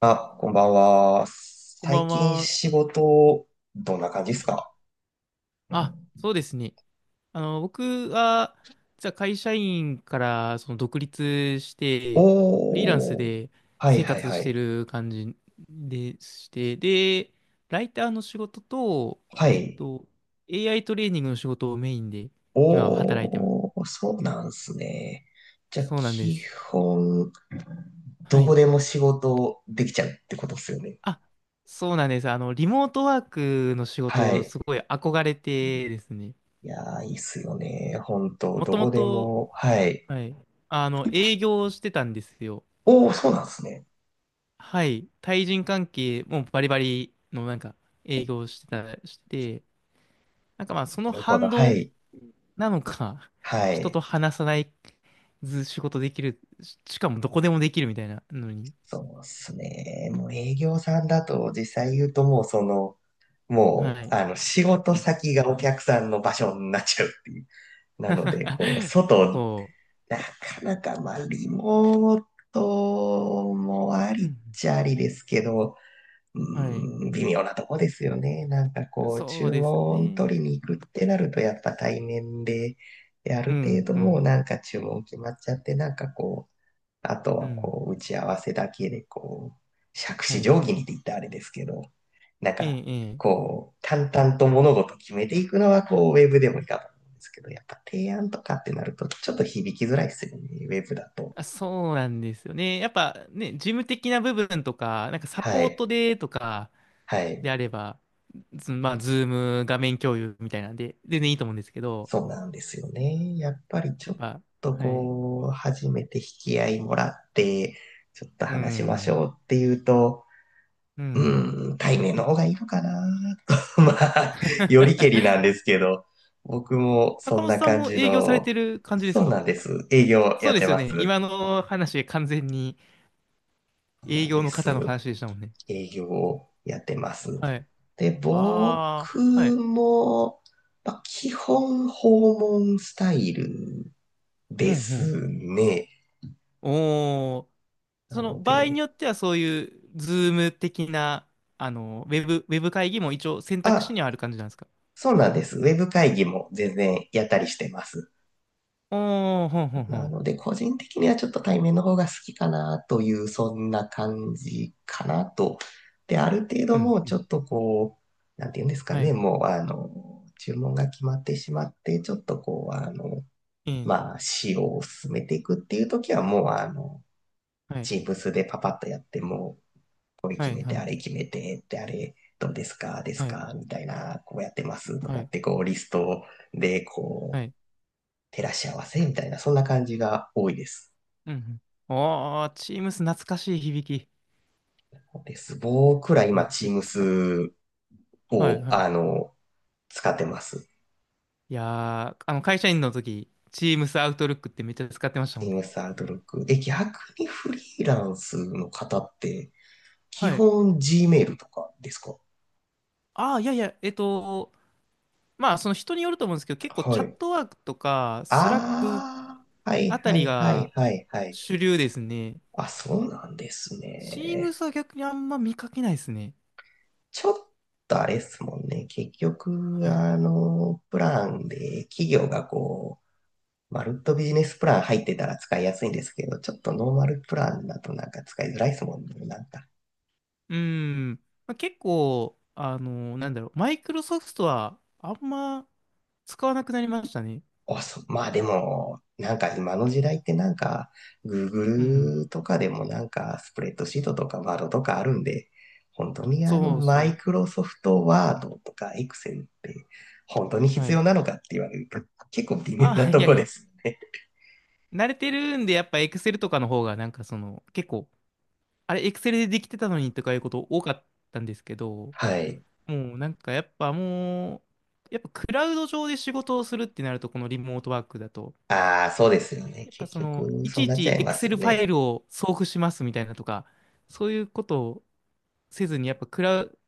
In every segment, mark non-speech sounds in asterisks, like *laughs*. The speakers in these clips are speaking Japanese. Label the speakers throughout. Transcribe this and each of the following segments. Speaker 1: あ、こんばんは。
Speaker 2: こんば
Speaker 1: 最
Speaker 2: ん
Speaker 1: 近
Speaker 2: は。
Speaker 1: 仕事、どんな感じで
Speaker 2: は
Speaker 1: す
Speaker 2: い。
Speaker 1: か？
Speaker 2: あ、そうですね。僕は、実は会社員から独立して、フリーランス
Speaker 1: おー。
Speaker 2: で
Speaker 1: はい
Speaker 2: 生
Speaker 1: はい
Speaker 2: 活
Speaker 1: は
Speaker 2: して
Speaker 1: い。
Speaker 2: る感じでして、で、ライターの仕事と、
Speaker 1: はい。
Speaker 2: AI トレーニングの仕事をメインで今は働いてま
Speaker 1: お
Speaker 2: す。
Speaker 1: ー、そうなんすね。じゃあ、
Speaker 2: そうなんで
Speaker 1: 基
Speaker 2: す。
Speaker 1: 本、
Speaker 2: は
Speaker 1: どこ
Speaker 2: い。
Speaker 1: でも仕事できちゃうってことっすよね。
Speaker 2: あ、そうなんです。あの、リモートワークの仕
Speaker 1: は
Speaker 2: 事、
Speaker 1: い。
Speaker 2: すごい憧れてですね。
Speaker 1: いやー、いいっすよね。本当
Speaker 2: も
Speaker 1: ど
Speaker 2: とも
Speaker 1: こで
Speaker 2: と、
Speaker 1: も。はい。
Speaker 2: はい。あの、営業してたんですよ。
Speaker 1: おー、そうなんすね。
Speaker 2: はい。対人関係もバリバリのなんか営業してた、して、なんかまあそ
Speaker 1: な
Speaker 2: の
Speaker 1: るほど。
Speaker 2: 反
Speaker 1: は
Speaker 2: 動
Speaker 1: い。
Speaker 2: なのか、*laughs*
Speaker 1: は
Speaker 2: 人と
Speaker 1: い。
Speaker 2: 話さないず仕事できる、しかもどこでもできるみたいなのに。
Speaker 1: そうっすね。もう営業さんだと、実際言うともうも
Speaker 2: は
Speaker 1: う、
Speaker 2: い。
Speaker 1: 仕事先がお客さんの場所になっちゃうっていう。なので、
Speaker 2: *laughs* そ
Speaker 1: なかなか、まあ、リモートもあ
Speaker 2: う。
Speaker 1: り
Speaker 2: う
Speaker 1: っ
Speaker 2: ん。
Speaker 1: ちゃありですけど、う
Speaker 2: はい。
Speaker 1: ーん、微妙なとこですよね。なんか
Speaker 2: そう
Speaker 1: 注
Speaker 2: です
Speaker 1: 文
Speaker 2: ね。
Speaker 1: 取りに行くってなると、やっぱ対面で、であ
Speaker 2: う
Speaker 1: る程
Speaker 2: ん、
Speaker 1: 度
Speaker 2: う
Speaker 1: もう
Speaker 2: ん、
Speaker 1: なんか注文決まっちゃって、なんかこあと
Speaker 2: う
Speaker 1: は
Speaker 2: ん。
Speaker 1: 打ち合わせだけで杓
Speaker 2: は
Speaker 1: 子
Speaker 2: い。
Speaker 1: 定規にって言ったらあれですけど、なん
Speaker 2: ええ、
Speaker 1: か、
Speaker 2: ええ。
Speaker 1: 淡々と物事を決めていくのは、ウェブでもいいかと思うんですけど、やっぱ提案とかってなると、ちょっと響きづらいですよね、ウェブだと。
Speaker 2: あ、そうなんですよね。やっぱね、事務的な部分とか、なんかサ
Speaker 1: は
Speaker 2: ポー
Speaker 1: い。
Speaker 2: トでとか、
Speaker 1: はい。
Speaker 2: であれば、まあ、ズーム画面共有みたいなんで、全然いいと思うんですけど、
Speaker 1: そうなんですよね。やっぱりち
Speaker 2: や
Speaker 1: ょ
Speaker 2: っ
Speaker 1: っ
Speaker 2: ぱ、
Speaker 1: と
Speaker 2: はい。
Speaker 1: 初めて引き合いもらって、ちょっと
Speaker 2: う
Speaker 1: 話しまし
Speaker 2: ん。
Speaker 1: ょうっていうと、
Speaker 2: うん。
Speaker 1: うーん、対面の方がいいのかな。*laughs* まあ、よりけりなん
Speaker 2: *laughs*
Speaker 1: ですけど、僕もそ
Speaker 2: 高
Speaker 1: ん
Speaker 2: 本
Speaker 1: な
Speaker 2: さん
Speaker 1: 感
Speaker 2: も
Speaker 1: じ
Speaker 2: 営業され
Speaker 1: の、
Speaker 2: てる感じです
Speaker 1: そう
Speaker 2: か？
Speaker 1: なんです。営業
Speaker 2: そ
Speaker 1: や
Speaker 2: う
Speaker 1: っ
Speaker 2: で
Speaker 1: て
Speaker 2: すよ
Speaker 1: ま
Speaker 2: ね。
Speaker 1: す。
Speaker 2: 今の話、完全に
Speaker 1: そうな
Speaker 2: 営
Speaker 1: ん
Speaker 2: 業
Speaker 1: で
Speaker 2: の方の
Speaker 1: す。
Speaker 2: 話でしたもんね。
Speaker 1: 営業をやってます。
Speaker 2: はい。
Speaker 1: で、
Speaker 2: あ
Speaker 1: 僕
Speaker 2: あ、はい。
Speaker 1: も、まあ、基本訪問スタイル
Speaker 2: う
Speaker 1: で
Speaker 2: ん
Speaker 1: すね。
Speaker 2: うん。おお、そ
Speaker 1: な
Speaker 2: の
Speaker 1: の
Speaker 2: 場合に
Speaker 1: で、
Speaker 2: よってはそういうズーム的な、あの、ウェブ、ウェブ会議も一応選択肢
Speaker 1: あ、
Speaker 2: にはある感じなんですか？
Speaker 1: そうなんです。ウェブ会議も全然やったりしてます。
Speaker 2: おおー、ほんほんほ
Speaker 1: な
Speaker 2: ん。
Speaker 1: ので、個人的にはちょっと対面の方が好きかなという、そんな感じかなと。で、ある程度
Speaker 2: う
Speaker 1: も
Speaker 2: ん、
Speaker 1: う
Speaker 2: う
Speaker 1: ちょ
Speaker 2: ん。
Speaker 1: っとなんていうんですか
Speaker 2: は
Speaker 1: ね、
Speaker 2: い。
Speaker 1: もう、注文が決まってしまって、ちょっと
Speaker 2: ええ。
Speaker 1: まあ、仕様を進めていくっていう時は、もう、
Speaker 2: はい、
Speaker 1: チームスでパパッとやって、もう、
Speaker 2: は
Speaker 1: 決
Speaker 2: い、
Speaker 1: め
Speaker 2: は
Speaker 1: て、あ
Speaker 2: い、
Speaker 1: れ決めて、ってあれ、どうですか、です
Speaker 2: はい、
Speaker 1: か、みたいな、こうやってますと
Speaker 2: は
Speaker 1: かっ
Speaker 2: い、
Speaker 1: て、リストで、
Speaker 2: はい。
Speaker 1: 照らし合わせみたいな、そんな感じが多いです。
Speaker 2: うん。うん。おー、チームス懐かしい響き。
Speaker 1: です。僕ら今、
Speaker 2: めっちゃ使っ、
Speaker 1: Teams
Speaker 2: はい、
Speaker 1: を、
Speaker 2: はい。
Speaker 1: 使ってます。
Speaker 2: いやー、あの、会社員の時、チームスアウトルックってめっちゃ使ってましたもんね。
Speaker 1: Teams Outlook。え、逆にフリーランスの方って、基
Speaker 2: はい。
Speaker 1: 本 Gmail とかですか？
Speaker 2: ああ、いやいや、まあ、その人によると思うんですけど、結構
Speaker 1: は
Speaker 2: チャッ
Speaker 1: い。
Speaker 2: トワークとか、スラック
Speaker 1: ああ、はい
Speaker 2: あた
Speaker 1: は
Speaker 2: り
Speaker 1: いはい
Speaker 2: が
Speaker 1: はいはい。
Speaker 2: 主流ですね。
Speaker 1: あ、そうなんです
Speaker 2: チーム
Speaker 1: ね。
Speaker 2: スは逆にあんま見かけないですね。
Speaker 1: ちょっとあれですもんね。結局、
Speaker 2: はい。
Speaker 1: プランで企業がマルットビジネスプラン入ってたら使いやすいんですけど、ちょっとノーマルプランだとなんか使いづらいですもんね、なんか。
Speaker 2: うーん。まあ、結構、あの、なんだろう、マイクロソフトはあんま使わなくなりましたね。
Speaker 1: あ、そう、まあでも、なんか今の時代ってなんか、
Speaker 2: うん。
Speaker 1: Google とかでもなんか、スプレッドシートとかワードとかあるんで、本当に
Speaker 2: そう
Speaker 1: マイ
Speaker 2: そ
Speaker 1: クロソフトワードとか Excel って本当に
Speaker 2: う。は
Speaker 1: 必要
Speaker 2: い。
Speaker 1: なのかって言われると、結構微妙な
Speaker 2: あ、い
Speaker 1: と
Speaker 2: や
Speaker 1: こ
Speaker 2: い
Speaker 1: で
Speaker 2: や。
Speaker 1: すよね。
Speaker 2: 慣れてるんで、やっぱ Excel とかの方が、なんかその、結構、あれ、Excel でできてたのにとかいうこと多かったんですけど、
Speaker 1: はい。
Speaker 2: もうなんかやっぱもう、やっぱクラウド上で仕事をするってなると、このリモートワークだと、
Speaker 1: ああ、そうですよね。
Speaker 2: やっぱ
Speaker 1: 結
Speaker 2: その、
Speaker 1: 局、
Speaker 2: い
Speaker 1: そ
Speaker 2: ち
Speaker 1: う
Speaker 2: い
Speaker 1: なっちゃ
Speaker 2: ち
Speaker 1: いますよ
Speaker 2: Excel ファ
Speaker 1: ね。
Speaker 2: イルを送付しますみたいなとか、そういうことをせずに、やっぱクラウ、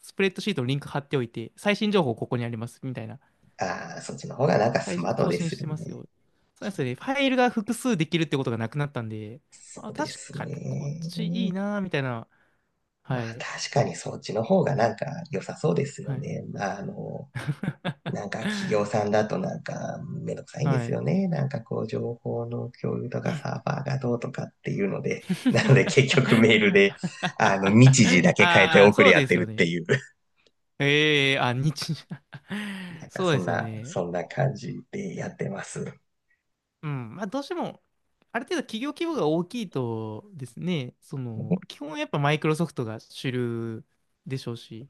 Speaker 2: スプレッドシートのリンク貼っておいて、最新情報ここにありますみたいな、
Speaker 1: ああ、そっちの方がなんかス
Speaker 2: 最新
Speaker 1: マート
Speaker 2: 更
Speaker 1: で
Speaker 2: 新
Speaker 1: す
Speaker 2: し
Speaker 1: よ
Speaker 2: てます
Speaker 1: ね。
Speaker 2: よ。そうですね、ファイルが複数できるってことがなくなったんで、
Speaker 1: そ
Speaker 2: あ、
Speaker 1: うで
Speaker 2: 確
Speaker 1: す
Speaker 2: かにこっちいい
Speaker 1: ね。
Speaker 2: な、みたいな。
Speaker 1: ま
Speaker 2: は
Speaker 1: あ
Speaker 2: い。
Speaker 1: 確かにそっちの方がなんか良さそうです
Speaker 2: は
Speaker 1: よ
Speaker 2: い。
Speaker 1: ね。まあなんか
Speaker 2: *laughs*
Speaker 1: 企業さんだとなんかめんどくさいんで
Speaker 2: は
Speaker 1: す
Speaker 2: い。
Speaker 1: よね。なんか情報の共有とかサーバーがどうとかっていうので、なので
Speaker 2: *laughs*
Speaker 1: 結局メールで、日時だけ変えて
Speaker 2: ああ、
Speaker 1: 送
Speaker 2: そ
Speaker 1: り
Speaker 2: う
Speaker 1: 合っ
Speaker 2: で
Speaker 1: て
Speaker 2: すよ
Speaker 1: るっ
Speaker 2: ね。
Speaker 1: ていう、
Speaker 2: ええあ、日、
Speaker 1: な
Speaker 2: *laughs*
Speaker 1: んか
Speaker 2: そうですよね。
Speaker 1: そんな感じでやってます。
Speaker 2: うん、まあどうしても、ある程度企業規模が大きいとですね、その、基本やっぱマイクロソフトが主流でしょうし、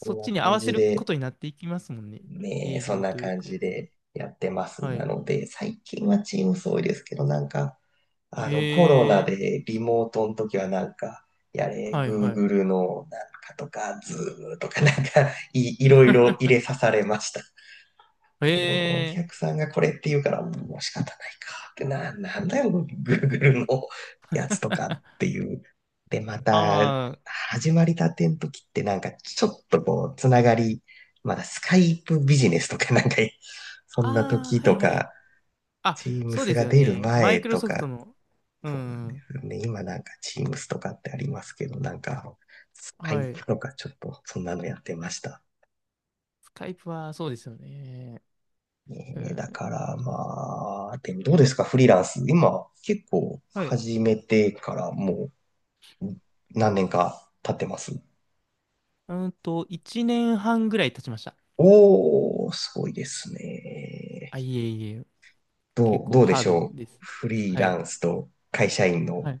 Speaker 1: こ
Speaker 2: っ
Speaker 1: んな
Speaker 2: ちに合
Speaker 1: 感
Speaker 2: わせ
Speaker 1: じ
Speaker 2: るこ
Speaker 1: で、
Speaker 2: とになっていきますもんね。
Speaker 1: ね、
Speaker 2: 営
Speaker 1: そん
Speaker 2: 業
Speaker 1: な
Speaker 2: という
Speaker 1: 感
Speaker 2: か。
Speaker 1: じでやってます。
Speaker 2: は
Speaker 1: な
Speaker 2: い。
Speaker 1: ので、最近はTeams 多いですけど、なんか、コロナ
Speaker 2: え
Speaker 1: でリモートの時はなんか、や
Speaker 2: ー、
Speaker 1: れ、
Speaker 2: はいはい。
Speaker 1: Google のなんかとか、Zoom とかいろいろ入れさ
Speaker 2: *laughs*
Speaker 1: されました。
Speaker 2: え
Speaker 1: お
Speaker 2: ー、
Speaker 1: 客さんがこれって言うから、もう仕方ないかってな、なんだよ、Google のやつとかっていう。で、また、
Speaker 2: あー、
Speaker 1: 始まりたての時ってなんか、ちょっとつながり、まだスカイプビジネスとかなんか、そんな
Speaker 2: あ
Speaker 1: 時
Speaker 2: ー、は
Speaker 1: と
Speaker 2: いはい。
Speaker 1: か、
Speaker 2: あ、そう
Speaker 1: Teams
Speaker 2: です
Speaker 1: が
Speaker 2: よ
Speaker 1: 出る
Speaker 2: ね。マイ
Speaker 1: 前
Speaker 2: クロ
Speaker 1: と
Speaker 2: ソフト
Speaker 1: か、
Speaker 2: の、う
Speaker 1: そうなんで
Speaker 2: ん、
Speaker 1: すよね。今なんか Teams とかってありますけど、なんか、スカイ
Speaker 2: はい。
Speaker 1: プとかちょっとそんなのやってました。
Speaker 2: スカイプはそうですよね。う
Speaker 1: ねえだ
Speaker 2: ん。
Speaker 1: からまあ、でもどうですか、フリーランス？今結構
Speaker 2: はい。
Speaker 1: 始めてからもう何年か経ってます？
Speaker 2: うんと、1年半ぐらい経ちました。
Speaker 1: おー、すごいですね。
Speaker 2: あ、いえいえ、結構
Speaker 1: どうで
Speaker 2: ハー
Speaker 1: し
Speaker 2: ド
Speaker 1: ょう。
Speaker 2: です。
Speaker 1: フリー
Speaker 2: は
Speaker 1: ラ
Speaker 2: い。
Speaker 1: ンスと会社員の
Speaker 2: はい。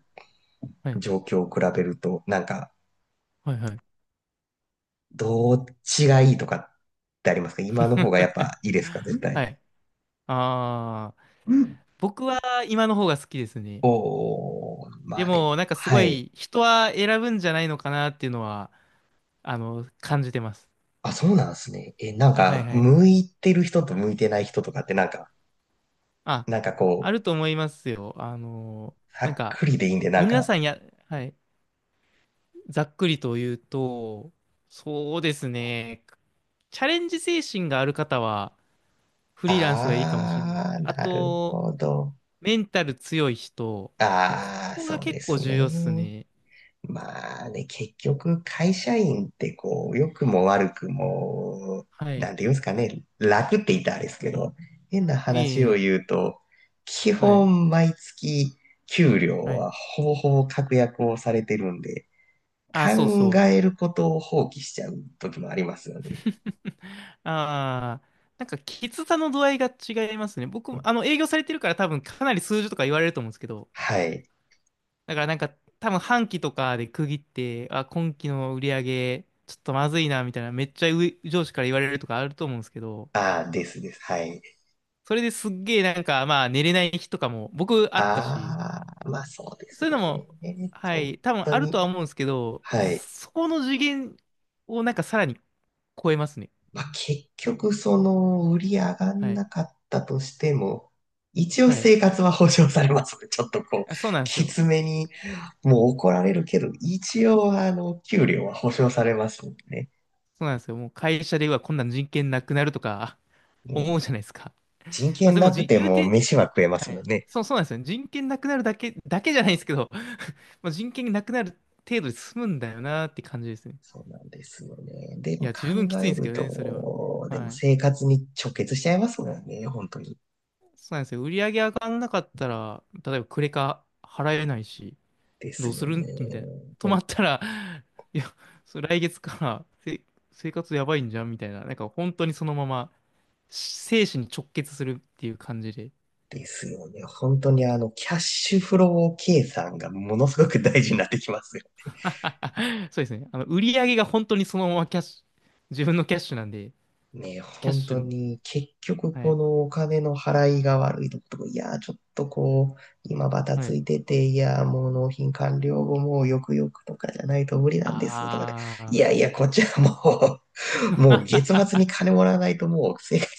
Speaker 2: はい。
Speaker 1: 状況を比べると、なんか、
Speaker 2: はい。はい。
Speaker 1: どっちがいいとかってありますか？今の方がやっ
Speaker 2: *laughs*
Speaker 1: ぱいいですか、絶
Speaker 2: は
Speaker 1: 対？
Speaker 2: い。ああ、僕は今の方が好きですね。
Speaker 1: おー、ま
Speaker 2: で
Speaker 1: あでも、
Speaker 2: も、なんかす
Speaker 1: は
Speaker 2: ご
Speaker 1: い。
Speaker 2: い人は選ぶんじゃないのかなっていうのは、あの、感じてます。
Speaker 1: あ、そうなんですね。え、なん
Speaker 2: あ、はい
Speaker 1: か、
Speaker 2: はい。
Speaker 1: 向いてる人と向いてない人とかってなんか、
Speaker 2: あ、
Speaker 1: なんか
Speaker 2: あると思いますよ。あの、
Speaker 1: ざ
Speaker 2: なん
Speaker 1: っ
Speaker 2: か、
Speaker 1: くりでいいんで、なん
Speaker 2: 皆
Speaker 1: か、
Speaker 2: さんや、はい、ざっくりと言うと、そうですね。チャレンジ精神がある方は、フリーランスがいいかもしれない。
Speaker 1: あー、
Speaker 2: あ
Speaker 1: なる
Speaker 2: と、
Speaker 1: ほど。
Speaker 2: メンタル強い人、こ
Speaker 1: あー、
Speaker 2: こが
Speaker 1: そうで
Speaker 2: 結構
Speaker 1: す
Speaker 2: 重要っす
Speaker 1: ね。
Speaker 2: ね。
Speaker 1: まあね、結局、会社員って良くも悪くも、
Speaker 2: は
Speaker 1: な
Speaker 2: い。
Speaker 1: んて言うんですかね、楽って言ったらあれですけど、変な
Speaker 2: え
Speaker 1: 話を
Speaker 2: え、
Speaker 1: 言うと、基
Speaker 2: はい。
Speaker 1: 本毎月給料
Speaker 2: はい。
Speaker 1: はほぼほぼ確約をされてるんで、
Speaker 2: あ、そう
Speaker 1: 考
Speaker 2: そう。
Speaker 1: えることを放棄しちゃう時もありますよね。
Speaker 2: ああ、なんか、きつさの度合いが違いますね。僕も、あの、営業されてるから多分かなり数字とか言われると思うんですけど、
Speaker 1: はい。
Speaker 2: だからなんか、多分半期とかで区切って、あ、今期の売り上げ、ちょっとまずいな、みたいな、めっちゃ上司から言われるとかあると思うんですけど、
Speaker 1: ああ、ですです。はい。
Speaker 2: それですっげえなんか、まあ、寝れない日とかも僕あったし、
Speaker 1: ああ、まあそうです
Speaker 2: そういうの
Speaker 1: よ
Speaker 2: も、
Speaker 1: ね。
Speaker 2: は
Speaker 1: 本
Speaker 2: い、多分
Speaker 1: 当
Speaker 2: ある
Speaker 1: に。
Speaker 2: とは思うんですけど、
Speaker 1: はい。
Speaker 2: そこの次元をなんかさらに超えますね。
Speaker 1: まあ、結局、売り上がん
Speaker 2: はい。
Speaker 1: なかったとしても、一応
Speaker 2: はい。
Speaker 1: 生活は保障されますね。*laughs* ちょっと
Speaker 2: あ、そうなんです
Speaker 1: き
Speaker 2: よ。
Speaker 1: つめに、もう怒られるけど、一応、給料は保障されますもんね。
Speaker 2: そうなんですよ。もう会社ではこんなん人権なくなるとか *laughs* 思
Speaker 1: ね、
Speaker 2: うじゃないですか。
Speaker 1: 人
Speaker 2: まあ、
Speaker 1: 権
Speaker 2: それ
Speaker 1: な
Speaker 2: も
Speaker 1: く
Speaker 2: じ、
Speaker 1: て
Speaker 2: 言う
Speaker 1: も
Speaker 2: て、
Speaker 1: 飯は食えま
Speaker 2: は
Speaker 1: すもん
Speaker 2: い。
Speaker 1: ね。
Speaker 2: そう、そうなんですよ。人権なくなるだけ、だけじゃないですけど、*laughs* まあ、人権なくなる程度で済むんだよなって感じですね。
Speaker 1: そうなんですよね。で
Speaker 2: い
Speaker 1: も
Speaker 2: や、十分き
Speaker 1: 考
Speaker 2: ついん
Speaker 1: え
Speaker 2: ですけ
Speaker 1: る
Speaker 2: どね、それは。
Speaker 1: と、でも
Speaker 2: はい。
Speaker 1: 生活に直結しちゃいますもんね。本当に。
Speaker 2: そうなんですよ。売り上げ上がんなかったら、例えばクレカ払えないし、
Speaker 1: で
Speaker 2: ど
Speaker 1: す
Speaker 2: うす
Speaker 1: よ
Speaker 2: るんみたいな。
Speaker 1: ね。
Speaker 2: 止まったら、いや、それ来月から生活やばいんじゃんみたいな。なんか本当にそのまま生死に直結するっていう感じで。
Speaker 1: ですよね。本当にキャッシュフロー計算がものすごく大事になってきますよ。
Speaker 2: *laughs* そうですね。あの、売り上げが本当にそのままキャッシュ、自分のキャッシュなんで、
Speaker 1: ね、
Speaker 2: キャッ
Speaker 1: 本
Speaker 2: シ
Speaker 1: 当
Speaker 2: ュ、
Speaker 1: に結局
Speaker 2: は
Speaker 1: こ
Speaker 2: い、
Speaker 1: のお金の払いが悪いとことか、いやー、ちょっと今バタ
Speaker 2: は
Speaker 1: つ
Speaker 2: い。
Speaker 1: いてて、いやー、もう納品完了後もうよくよくとかじゃないと無理なんですとかで、いや
Speaker 2: あ
Speaker 1: いや、こっちはもう、*laughs* もう月末に
Speaker 2: あ。
Speaker 1: 金もらわないともう生活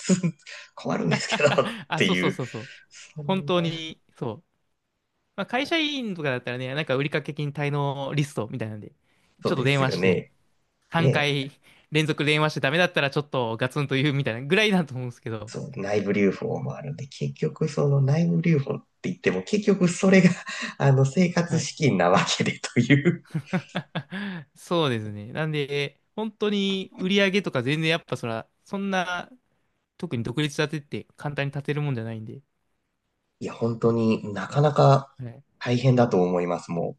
Speaker 1: 困るんですけどっ
Speaker 2: *laughs* あ、
Speaker 1: て
Speaker 2: そう
Speaker 1: い
Speaker 2: そう
Speaker 1: う、
Speaker 2: そうそう。
Speaker 1: そ
Speaker 2: 本
Speaker 1: ん
Speaker 2: 当
Speaker 1: な、
Speaker 2: に、そう。まあ、会社員とかだったらね、なんか売掛金滞納リストみたいなんで、
Speaker 1: そ
Speaker 2: ち
Speaker 1: う
Speaker 2: ょっと
Speaker 1: で
Speaker 2: 電
Speaker 1: す
Speaker 2: 話
Speaker 1: よ
Speaker 2: して、
Speaker 1: ね。
Speaker 2: 3
Speaker 1: ね、
Speaker 2: 回連続電話してダメだったらちょっとガツンと言うみたいなぐらいだと思うんですけど。
Speaker 1: そう、内部留保もあるんで、結局その内部留保って言っても、結局それが *laughs* 生活
Speaker 2: はい。
Speaker 1: 資金なわけでという。
Speaker 2: *laughs* そうですね。なんで、本当に売り上げとか全然やっぱそら、そんな、特に独立立てって簡単に立てるもんじゃないんで、
Speaker 1: *laughs* いや、本当になかなか
Speaker 2: はい。
Speaker 1: 大変だと思います、も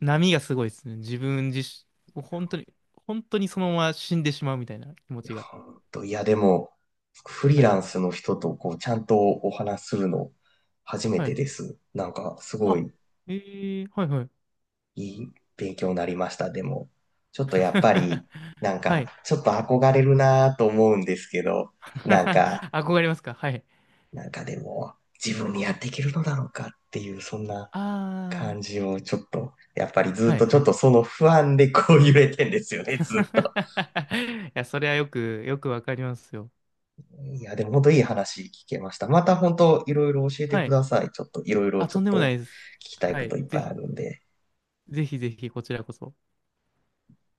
Speaker 2: 波がすごいですね。自分自身、もう本当に、本当にそのまま死んでしまうみたいな気持
Speaker 1: う。いや、
Speaker 2: ちが。
Speaker 1: 本当、いや、でも、フリー
Speaker 2: は
Speaker 1: ラン
Speaker 2: い。
Speaker 1: スの人とちゃんとお話しするの初め
Speaker 2: は
Speaker 1: て
Speaker 2: い。
Speaker 1: です。なんか、すご
Speaker 2: あ、
Speaker 1: い
Speaker 2: えー、はいはい。
Speaker 1: いい勉強になりました、でも。ちょっとやっぱり、
Speaker 2: *laughs*
Speaker 1: なん
Speaker 2: は
Speaker 1: か、
Speaker 2: い。
Speaker 1: ちょっと憧れるなと思うんですけど、なんか、
Speaker 2: *laughs* 憧れますか？はい。
Speaker 1: でも、自分にやっていけるのだろうかっていう、そんな
Speaker 2: あ
Speaker 1: 感じをちょっと、やっぱりず
Speaker 2: あ、
Speaker 1: っ
Speaker 2: はい
Speaker 1: とち
Speaker 2: は
Speaker 1: ょっ
Speaker 2: い。
Speaker 1: とその不安で揺れてんですよね、*laughs* ずっと。
Speaker 2: *laughs* いや、それはよく、よくわかりますよ。
Speaker 1: いや、でも本当いい話聞けました。また本当いろいろ教えて
Speaker 2: は
Speaker 1: く
Speaker 2: い。
Speaker 1: ださい。ちょっといろいろ
Speaker 2: あ、
Speaker 1: ちょ
Speaker 2: と
Speaker 1: っ
Speaker 2: んでもな
Speaker 1: と
Speaker 2: いです。
Speaker 1: 聞きたい
Speaker 2: は
Speaker 1: こ
Speaker 2: い。
Speaker 1: といっぱ
Speaker 2: ぜ
Speaker 1: い
Speaker 2: ひ、
Speaker 1: あるんで。
Speaker 2: ぜひぜひ、こちらこそ。